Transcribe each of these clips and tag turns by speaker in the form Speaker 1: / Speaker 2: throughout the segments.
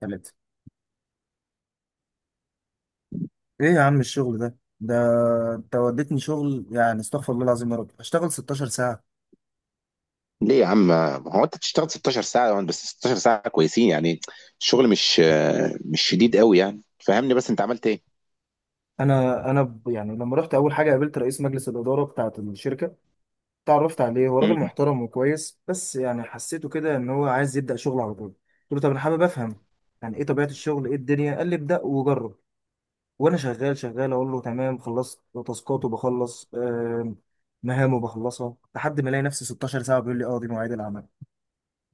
Speaker 1: ثلاثة، ايه يا عم الشغل ده، انت وديتني شغل، يعني استغفر الله العظيم يا رب، اشتغل 16 ساعة.
Speaker 2: ليه يا عم؟ ما هو انت تشتغل 16 ساعة يعني، بس 16 ساعة كويسين يعني. الشغل مش شديد قوي يعني. فهمني، بس انت عملت ايه؟
Speaker 1: يعني لما رحت اول حاجة قابلت رئيس مجلس الإدارة بتاعت الشركة، تعرفت عليه، هو راجل
Speaker 2: مم.
Speaker 1: محترم وكويس، بس يعني حسيته كده ان هو عايز يبدأ شغل على طول. قلت له طب انا حابب افهم، يعني ايه طبيعة الشغل، ايه الدنيا. قال لي ابدأ وجرب. وانا شغال شغال اقول له تمام خلصت تاسكات، وبخلص مهام وبخلصها، لحد ما الاقي نفسي 16 ساعة بيقول لي اه، دي مواعيد العمل.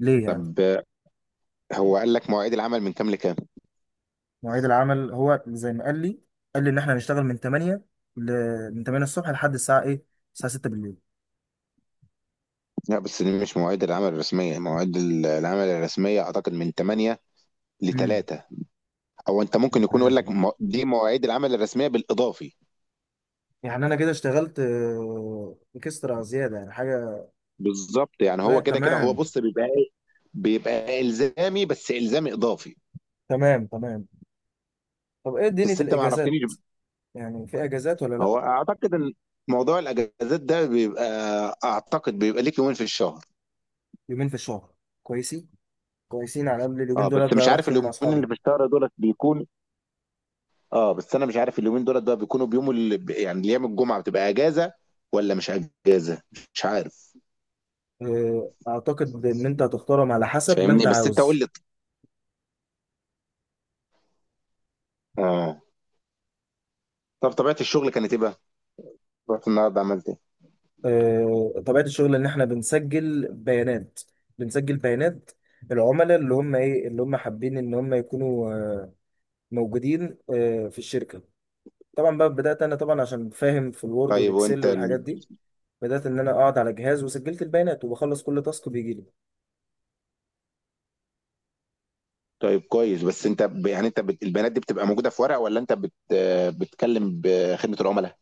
Speaker 1: ليه يعني؟
Speaker 2: طب هو قال لك مواعيد العمل من كام لكام؟
Speaker 1: مواعيد العمل هو زي ما قال لي ان احنا هنشتغل من 8 ل... من 8 الصبح لحد الساعه ايه، الساعه 6 بالليل.
Speaker 2: لا، بس دي مش مواعيد العمل الرسمية. العمل الرسمية اعتقد من 8 ل
Speaker 1: امم
Speaker 2: 3. او انت ممكن
Speaker 1: من
Speaker 2: يكون
Speaker 1: 8
Speaker 2: يقول لك،
Speaker 1: الفجر.
Speaker 2: دي مواعيد العمل الرسمية بالاضافي.
Speaker 1: يعني انا كده اشتغلت، اكسترا زياده، يعني حاجه.
Speaker 2: بالظبط، يعني
Speaker 1: لا،
Speaker 2: هو كده كده. هو
Speaker 1: تمام
Speaker 2: بص، بيبقى الزامي، بس الزامي اضافي.
Speaker 1: تمام تمام. طب ايه دنيا
Speaker 2: بس انت ما عرفتنيش.
Speaker 1: الاجازات؟ يعني في اجازات ولا لا؟
Speaker 2: هو اعتقد موضوع الاجازات ده بيبقى، اعتقد بيبقى ليك يومين في الشهر.
Speaker 1: يومين في الشهر، كويسين كويسين، على الاقل اليومين
Speaker 2: اه،
Speaker 1: دول
Speaker 2: بس
Speaker 1: ابدا
Speaker 2: مش
Speaker 1: اروح
Speaker 2: عارف
Speaker 1: فيهم مع
Speaker 2: اليومين
Speaker 1: اصحابي.
Speaker 2: اللي في الشهر دولت بيكون. اه، بس انا مش عارف اليومين دولت بقى بيكونوا بيوم اللي، يعني، ايام الجمعه بتبقى اجازه ولا مش اجازه، مش عارف.
Speaker 1: اعتقد ان انت هتختارهم على حسب ما انت
Speaker 2: فاهمني، بس انت قول
Speaker 1: عاوز.
Speaker 2: لي. اه. طب طبيعه الشغل كانت ايه بقى؟ رحت النهارده عملت ايه؟
Speaker 1: طبيعة الشغل ان احنا بنسجل بيانات بنسجل بيانات العملاء، اللي هم حابين ان هم يكونوا موجودين في الشركة. طبعا بقى بدأت انا طبعا، عشان فاهم في الوورد
Speaker 2: طيب،
Speaker 1: والاكسل
Speaker 2: وانت
Speaker 1: والحاجات دي. بدأت ان انا اقعد على جهاز وسجلت البيانات، وبخلص كل تاسك بيجي لي.
Speaker 2: طيب كويس. بس انت يعني انت البيانات دي بتبقى موجوده في ورق، ولا انت بت... آه، بتكلم بخدمه العملاء؟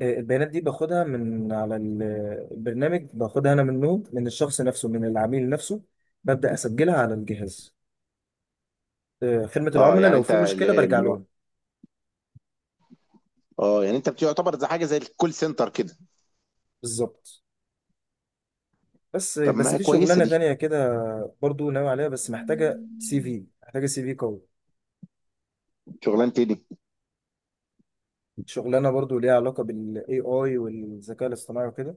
Speaker 1: البيانات دي باخدها من على البرنامج، باخدها انا منه، من الشخص نفسه، من العميل نفسه. ببدأ اسجلها على الجهاز. خدمة
Speaker 2: اه
Speaker 1: العملاء
Speaker 2: يعني
Speaker 1: لو
Speaker 2: انت
Speaker 1: في مشكلة برجع لهم.
Speaker 2: اه يعني انت بتعتبر زي حاجه، زي الكول سنتر كده.
Speaker 1: بالظبط. بس
Speaker 2: طب ما
Speaker 1: بس
Speaker 2: هي
Speaker 1: في
Speaker 2: كويسه
Speaker 1: شغلانه
Speaker 2: دي.
Speaker 1: تانية كده، برضو ناوي عليها، بس محتاجه سي في، محتاجه سي في قوي.
Speaker 2: شغلانه ايه دي؟
Speaker 1: شغلانه برضو ليها علاقه بالاي اي والذكاء الاصطناعي وكده،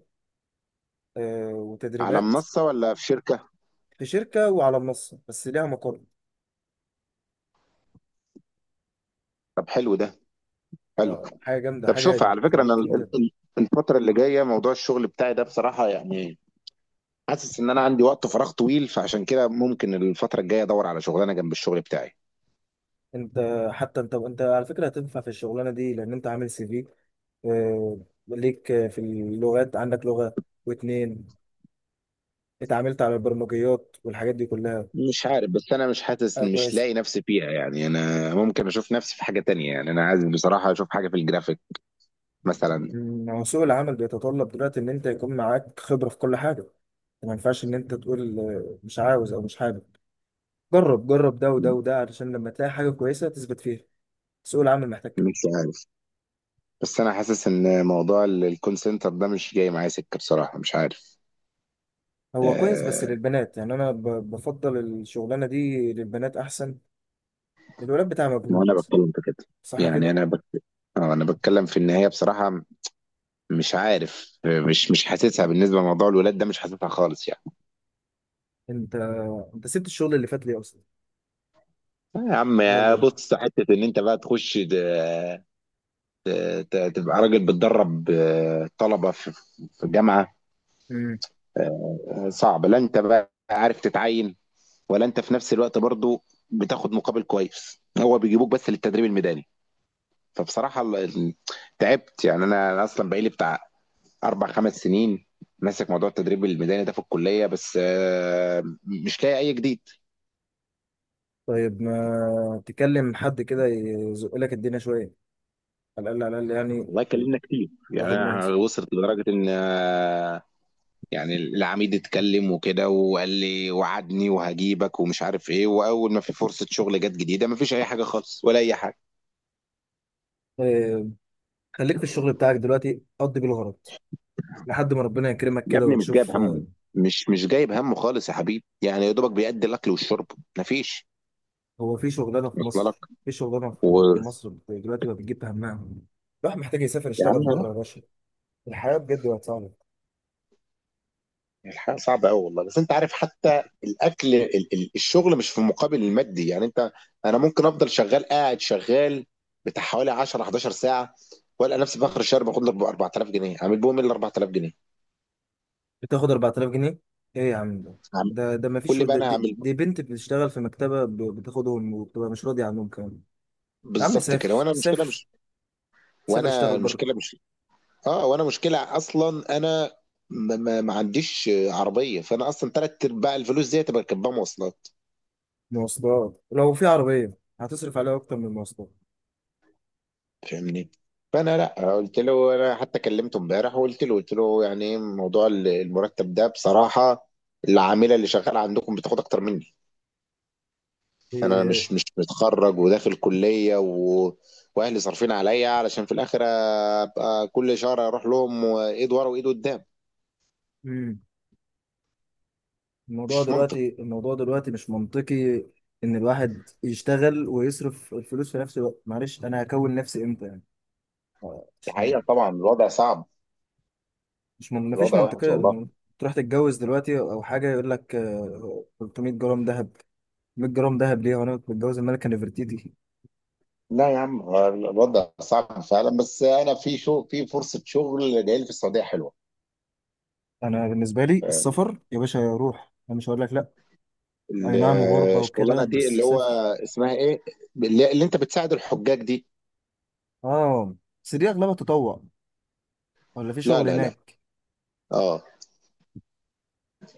Speaker 2: على
Speaker 1: وتدريبات.
Speaker 2: منصه ولا في شركه؟
Speaker 1: في شركه وعلى منصه، بس ليها مقر.
Speaker 2: طب حلو ده، حلو.
Speaker 1: حاجه جامده،
Speaker 2: طب
Speaker 1: حاجه
Speaker 2: شوف، على فكره، انا
Speaker 1: بتخليك ان انت،
Speaker 2: الفتره اللي جايه، موضوع الشغل بتاعي ده بصراحه يعني، حاسس ان انا عندي وقت فراغ طويل، فعشان كده ممكن الفتره الجايه ادور على شغلانه جنب الشغل بتاعي.
Speaker 1: انت حتى انت على فكره هتنفع في الشغلانه دي، لان انت عامل سي في، ليك في اللغات، عندك لغه واتنين، اتعاملت على البرمجيات والحاجات دي كلها.
Speaker 2: مش عارف، بس انا مش حاسس، ان مش
Speaker 1: كويس.
Speaker 2: لاقي نفسي فيها يعني. انا ممكن اشوف نفسي في حاجه تانية، يعني انا عايز بصراحه اشوف حاجه في الجرافيك مثلا.
Speaker 1: هو سوق العمل بيتطلب دلوقتي ان انت يكون معاك خبرة في كل حاجة. ما ينفعش ان انت تقول مش عاوز او مش حابب. جرب، جرب ده وده وده، علشان لما تلاقي حاجة كويسة تثبت فيها. سوق العمل محتاج كده.
Speaker 2: مش عارف، بس انا حاسس ان موضوع الكول سنتر ده مش جاي معايا سكه بصراحه، مش عارف.
Speaker 1: هو كويس بس
Speaker 2: آه.
Speaker 1: للبنات، يعني بفضل الشغلانة دي للبنات احسن، الولاد بتاع
Speaker 2: ما
Speaker 1: مجهود.
Speaker 2: انا بتكلم في كده.
Speaker 1: صح
Speaker 2: يعني
Speaker 1: كده.
Speaker 2: انا بك... آه انا بتكلم في النهايه بصراحه. مش عارف، مش حاسسها بالنسبه لموضوع الولاد ده، مش حاسسها خالص يعني.
Speaker 1: انت انت سبت الشغل اللي فات ليه اصلا؟
Speaker 2: آه يا عم،
Speaker 1: ده قبل ده.
Speaker 2: يا بص، حته ان انت بقى تخش ت... تبقى راجل بتدرب، طلبه في جامعه.
Speaker 1: مم.
Speaker 2: آه، صعب. لا انت بقى عارف تتعين، ولا انت في نفس الوقت برضو بتاخد مقابل كويس. هو بيجيبوك بس للتدريب الميداني. فبصراحة تعبت يعني. أنا أصلا بقالي بتاع أربع خمس سنين ماسك موضوع التدريب الميداني ده في الكلية، بس مش لاقي أي جديد.
Speaker 1: طيب ما تكلم حد كده يزق لك الدنيا شوية، على الاقل على الاقل يعني.
Speaker 2: والله اتكلمنا كتير، يعني
Speaker 1: واخد
Speaker 2: أنا
Speaker 1: منصب.
Speaker 2: وصلت لدرجة إن، يعني العميد اتكلم وكده وقال لي، وعدني وهجيبك ومش عارف إيه، وأول ما في فرصة شغل جت جديدة ما فيش أي حاجة خالص ولا أي حاجة.
Speaker 1: خليك في الشغل بتاعك دلوقتي قضي بيه الغرض، لحد ما ربنا يكرمك
Speaker 2: يا
Speaker 1: كده
Speaker 2: ابني، مش جايب
Speaker 1: وتشوف.
Speaker 2: همه، مش جايب همه خالص يا حبيبي. يعني يا دوبك بيأدي الأكل والشرب. ما فيش.
Speaker 1: هو في شغلانه في
Speaker 2: وصل
Speaker 1: مصر،
Speaker 2: لك؟
Speaker 1: دلوقتي ما بتجيب همها. الواحد محتاج يسافر
Speaker 2: يا
Speaker 1: يشتغل
Speaker 2: عم،
Speaker 1: بره يا باشا. الحياه بجد بقت صعبه.
Speaker 2: الحياة صعبة أوي والله. بس أنت عارف، حتى الأكل الشغل مش في المقابل المادي يعني. أنت، أنا ممكن أفضل شغال، قاعد شغال بتاع حوالي 10 11 ساعة وألقى نفسي في آخر الشهر باخد لي 4000 جنيه. أعمل بهم إيه ال 4000 جنيه؟
Speaker 1: بتاخد 4000 جنيه؟ ايه يا عم ده؟
Speaker 2: أعمل-
Speaker 1: ما
Speaker 2: قول
Speaker 1: فيش.
Speaker 2: لي بقى،
Speaker 1: ده
Speaker 2: أنا
Speaker 1: دي,
Speaker 2: هعمل
Speaker 1: دي بنت بتشتغل في مكتبه، بتاخدهم وبتبقى مش راضيه عنهم كمان. يا عم
Speaker 2: بالظبط كده.
Speaker 1: سافر،
Speaker 2: وأنا المشكلة
Speaker 1: سافر،
Speaker 2: مش
Speaker 1: سافر،
Speaker 2: وأنا
Speaker 1: اشتغل بره.
Speaker 2: المشكلة مش أه، وأنا مشكلة أصلا، أنا ما عنديش عربية، فأنا أصلا تلات أرباع الفلوس دي تبقى كاتبها مواصلات.
Speaker 1: مواصلات. لو في عربيه هتصرف عليها اكتر من المواصلات.
Speaker 2: فاهمني. فانا، لا، قلت له، انا حتى كلمته امبارح وقلت له، قلت له يعني ايه موضوع المرتب ده بصراحه. العامله اللي شغاله عندكم بتاخد اكتر مني. انا
Speaker 1: إيه،
Speaker 2: مش متخرج وداخل كليه واهلي صارفين عليا، علشان في الاخر ابقى كل شهر اروح لهم وايد ورا وايد قدام.
Speaker 1: مم. الموضوع
Speaker 2: مش منطق.
Speaker 1: دلوقتي الموضوع دلوقتي مش منطقي، ان الواحد يشتغل ويصرف الفلوس في نفس الوقت. معلش انا هكون نفسي امتى يعني؟
Speaker 2: الحقيقه
Speaker 1: عشان-
Speaker 2: طبعا الوضع صعب.
Speaker 1: مش من... مفيش
Speaker 2: الوضع وحش
Speaker 1: منطقية
Speaker 2: والله.
Speaker 1: انه تروح تتجوز دلوقتي او حاجة يقول لك 300 جرام ذهب، 100 جرام ذهب ليه وانا متجوز الملكة نفرتيتي؟
Speaker 2: لا يا عم، هو الوضع صعب فعلا، بس انا في فرصه شغل جايه لي في السعوديه حلوه.
Speaker 1: انا بالنسبة لي السفر يا باشا، روح، انا مش هقول لك لا.
Speaker 2: ال-
Speaker 1: اي نعم غربة وكده
Speaker 2: الشغلانه دي، اللي
Speaker 1: بس
Speaker 2: هو
Speaker 1: سافر.
Speaker 2: اسمها ايه؟ اللي انت بتساعد الحجاج دي.
Speaker 1: اه، بس دي اغلبها تطوع ولا في
Speaker 2: لا
Speaker 1: شغل
Speaker 2: لا لا.
Speaker 1: هناك؟
Speaker 2: اه.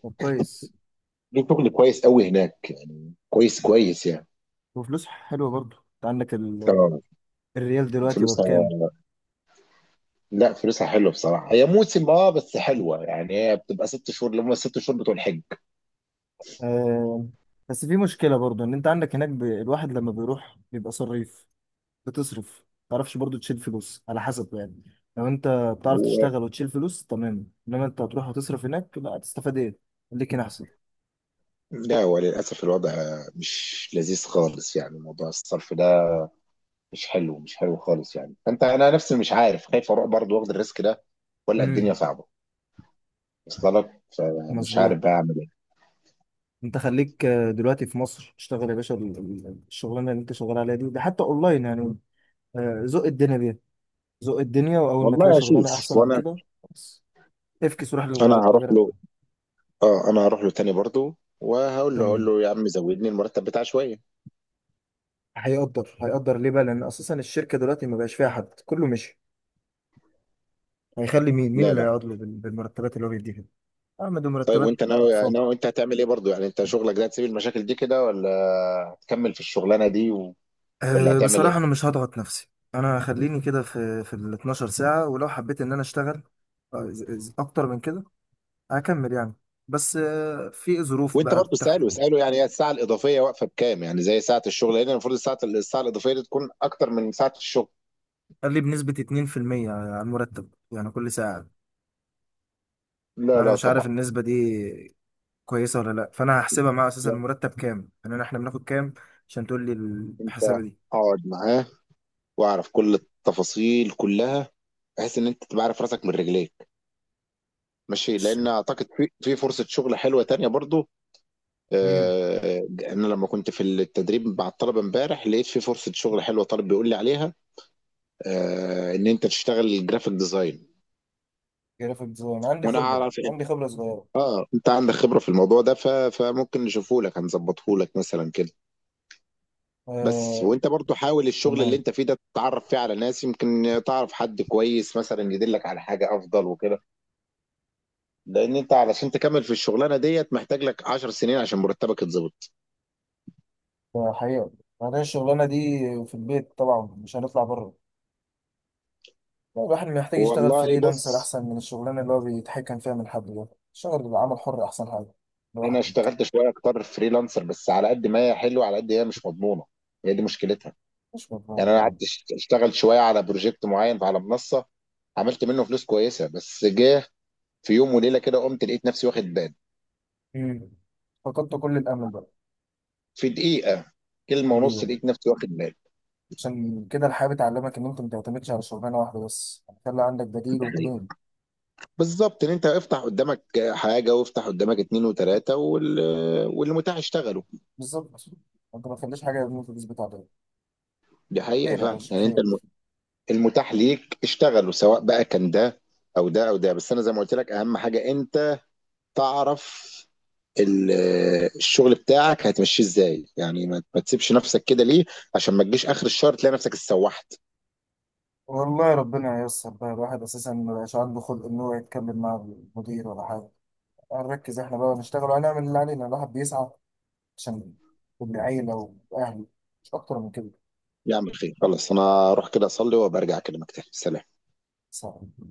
Speaker 1: طب كويس.
Speaker 2: دي شغل كويس قوي هناك يعني، كويس كويس يعني.
Speaker 1: وفلوس حلوة برضه. انت عندك ال
Speaker 2: اه.
Speaker 1: الريال دلوقتي هو
Speaker 2: فلوسها،
Speaker 1: بكام؟
Speaker 2: لا فلوسها حلوه بصراحه. هي موسم، اه بس حلوه يعني. هي بتبقى 6 شهور، اللي هم الست شهور بتوع الحج.
Speaker 1: آه، بس في مشكلة برضو ان انت عندك هناك، الواحد لما بيروح بيبقى صريف، بتصرف. ما تعرفش برضو تشيل فلوس على حسب يعني، لو انت
Speaker 2: اللي
Speaker 1: بتعرف
Speaker 2: هو،
Speaker 1: تشتغل وتشيل فلوس تمام، انما انت هتروح وتصرف هناك، لا هتستفاد ايه. خليك هنا احسن.
Speaker 2: لا وللاسف الوضع مش لذيذ خالص يعني. موضوع الصرف ده مش حلو، مش حلو خالص يعني. انا نفسي مش عارف، خايف اروح برضه واخد الريسك ده، ولا الدنيا
Speaker 1: امم
Speaker 2: صعبه. وصل لك، فمش
Speaker 1: مظبوط.
Speaker 2: عارف بقى اعمل إيه.
Speaker 1: انت خليك دلوقتي في مصر، اشتغل يا باشا. الشغلانه اللي انت شغال عليها دي، ده حتى اونلاين يعني. زق الدنيا بيها، زق الدنيا، واول ما تلاقي
Speaker 2: والله
Speaker 1: شغلانه
Speaker 2: اشوف.
Speaker 1: احسن من
Speaker 2: وانا،
Speaker 1: كده، بس افكس وروح
Speaker 2: انا هروح
Speaker 1: لغيرها.
Speaker 2: له. اه، انا هروح له تاني برضه، وهقول له، هقول
Speaker 1: تمام.
Speaker 2: له يا عم زودني المرتب بتاع شويه.
Speaker 1: هيقدر ليه بقى؟ لان اساسا الشركه دلوقتي ما بقاش فيها حد، كله مشي. هيخلي مين
Speaker 2: لا
Speaker 1: اللي
Speaker 2: لا.
Speaker 1: هيقعد له بالمرتبات اللي هو بيديها دي؟ اعمل
Speaker 2: طيب،
Speaker 1: مرتبات.
Speaker 2: وانت ناوي
Speaker 1: اطفال.
Speaker 2: ناوي انت هتعمل ايه برضه؟ يعني انت شغلك ده هتسيب المشاكل دي كده، ولا هتكمل في الشغلانه دي ولا
Speaker 1: أه،
Speaker 2: هتعمل ايه؟
Speaker 1: بصراحه انا مش هضغط نفسي. انا هخليني كده في ال 12 ساعه، ولو حبيت ان انا اشتغل اكتر من كده هكمل يعني. بس في ظروف
Speaker 2: وانت
Speaker 1: بقى
Speaker 2: برضه ساله
Speaker 1: بتحكم.
Speaker 2: ساله يعني هي الساعه الاضافيه واقفه بكام؟ يعني زي ساعه الشغل هنا؟ المفروض الساعه الاضافيه دي تكون اكتر من ساعه الشغل.
Speaker 1: قال لي بنسبه 2% على المرتب، يعني كل ساعه.
Speaker 2: لا
Speaker 1: انا
Speaker 2: لا
Speaker 1: مش عارف
Speaker 2: طبعا.
Speaker 1: النسبه دي كويسه ولا لا، فانا هحسبها معاه. اساسا
Speaker 2: يعني
Speaker 1: المرتب كام يعني، احنا بناخد كام عشان تقول لي
Speaker 2: انت
Speaker 1: الحسابه دي؟
Speaker 2: اقعد معاه، واعرف كل التفاصيل كلها، بحيث ان انت تبقى عارف راسك من رجليك ماشي.
Speaker 1: ش-
Speaker 2: لان اعتقد في فرصه شغل حلوه تانية برضو.
Speaker 1: مم.
Speaker 2: آه، انا لما كنت في التدريب مع الطلبه امبارح لقيت في فرصه شغل حلوه، طالب بيقول لي عليها، ان انت تشتغل جرافيك ديزاين.
Speaker 1: جرافيك ديزاين، عندي
Speaker 2: وانا
Speaker 1: خبرة،
Speaker 2: اعرف إن-
Speaker 1: عندي خبرة صغيرة.
Speaker 2: اه، انت عندك خبره في الموضوع ده، فممكن نشوفه لك، هنظبطه لك مثلا كده. بس
Speaker 1: آه،
Speaker 2: وانت برضو حاول الشغل اللي
Speaker 1: تمام.
Speaker 2: انت فيه ده تتعرف فيه على ناس، يمكن تعرف حد كويس مثلا يدلك على حاجه افضل وكده. لان انت علشان تكمل في الشغلانه ديت محتاج لك 10 سنين عشان مرتبك يتظبط.
Speaker 1: حقيقة، بعدين الشغلانة دي في البيت طبعا، مش هنطلع بره. لا، الواحد محتاج يشتغل
Speaker 2: والله
Speaker 1: فريلانسر
Speaker 2: بص.
Speaker 1: أحسن من الشغلانة اللي هو بيتحكم فيها من حد ده. الشغل بعمل حر أحسن حاجة،
Speaker 2: انا
Speaker 1: لوحدك.
Speaker 2: اشتغلت شويه اكتر فريلانسر، بس على قد ما هي حلوه، على قد هي مش مضمونه. هي دي مشكلتها.
Speaker 1: مش مضمونة
Speaker 2: يعني انا
Speaker 1: فعلا.
Speaker 2: قعدت اشتغل شويه على بروجكت معين على منصه. عملت منه فلوس كويسه، بس جه في يوم وليله كده، قمت لقيت نفسي واخد بان.
Speaker 1: مم. فقدت كل الأمل بقى.
Speaker 2: في دقيقه،
Speaker 1: في
Speaker 2: كلمه ونص،
Speaker 1: البيت.
Speaker 2: لقيت نفسي واخد بان.
Speaker 1: عشان كده الحياة بتعلمك إن أنت ما تعتمدش على شغلانة واحدة بس، يعني خلي عندك بديل
Speaker 2: ده حقيقي.
Speaker 1: واتنين.
Speaker 2: بالظبط. ان انت افتح قدامك حاجه، وافتح قدامك اتنين وتلاته والمتاح اشتغلوا.
Speaker 1: بالظبط، أنت ما تخليش حاجة إن أنت تثبت عليها.
Speaker 2: دي حقيقه
Speaker 1: خير يا
Speaker 2: فعلا
Speaker 1: باشا
Speaker 2: يعني، انت
Speaker 1: خير.
Speaker 2: المتاح ليك اشتغلوا، سواء بقى كان ده او ده او ده. بس انا زي ما قلت لك، اهم حاجه انت تعرف ال- الشغل بتاعك هتمشيه ازاي. يعني ما تسيبش نفسك كده ليه، عشان ما تجيش اخر الشهر تلاقي نفسك اتسوحت.
Speaker 1: والله ربنا ييسر بقى، الواحد أساسا ما بقاش عنده خلق إن هو يتكلم مع المدير ولا حاجة، هنركز إحنا بقى ونشتغل وهنعمل اللي علينا، الواحد بيسعى عشان العيلة وأهله، مش أكتر من كده.
Speaker 2: يا عم خير، خلاص انا اروح كده اصلي وبرجع اكلمك تاني. سلام.
Speaker 1: صعب.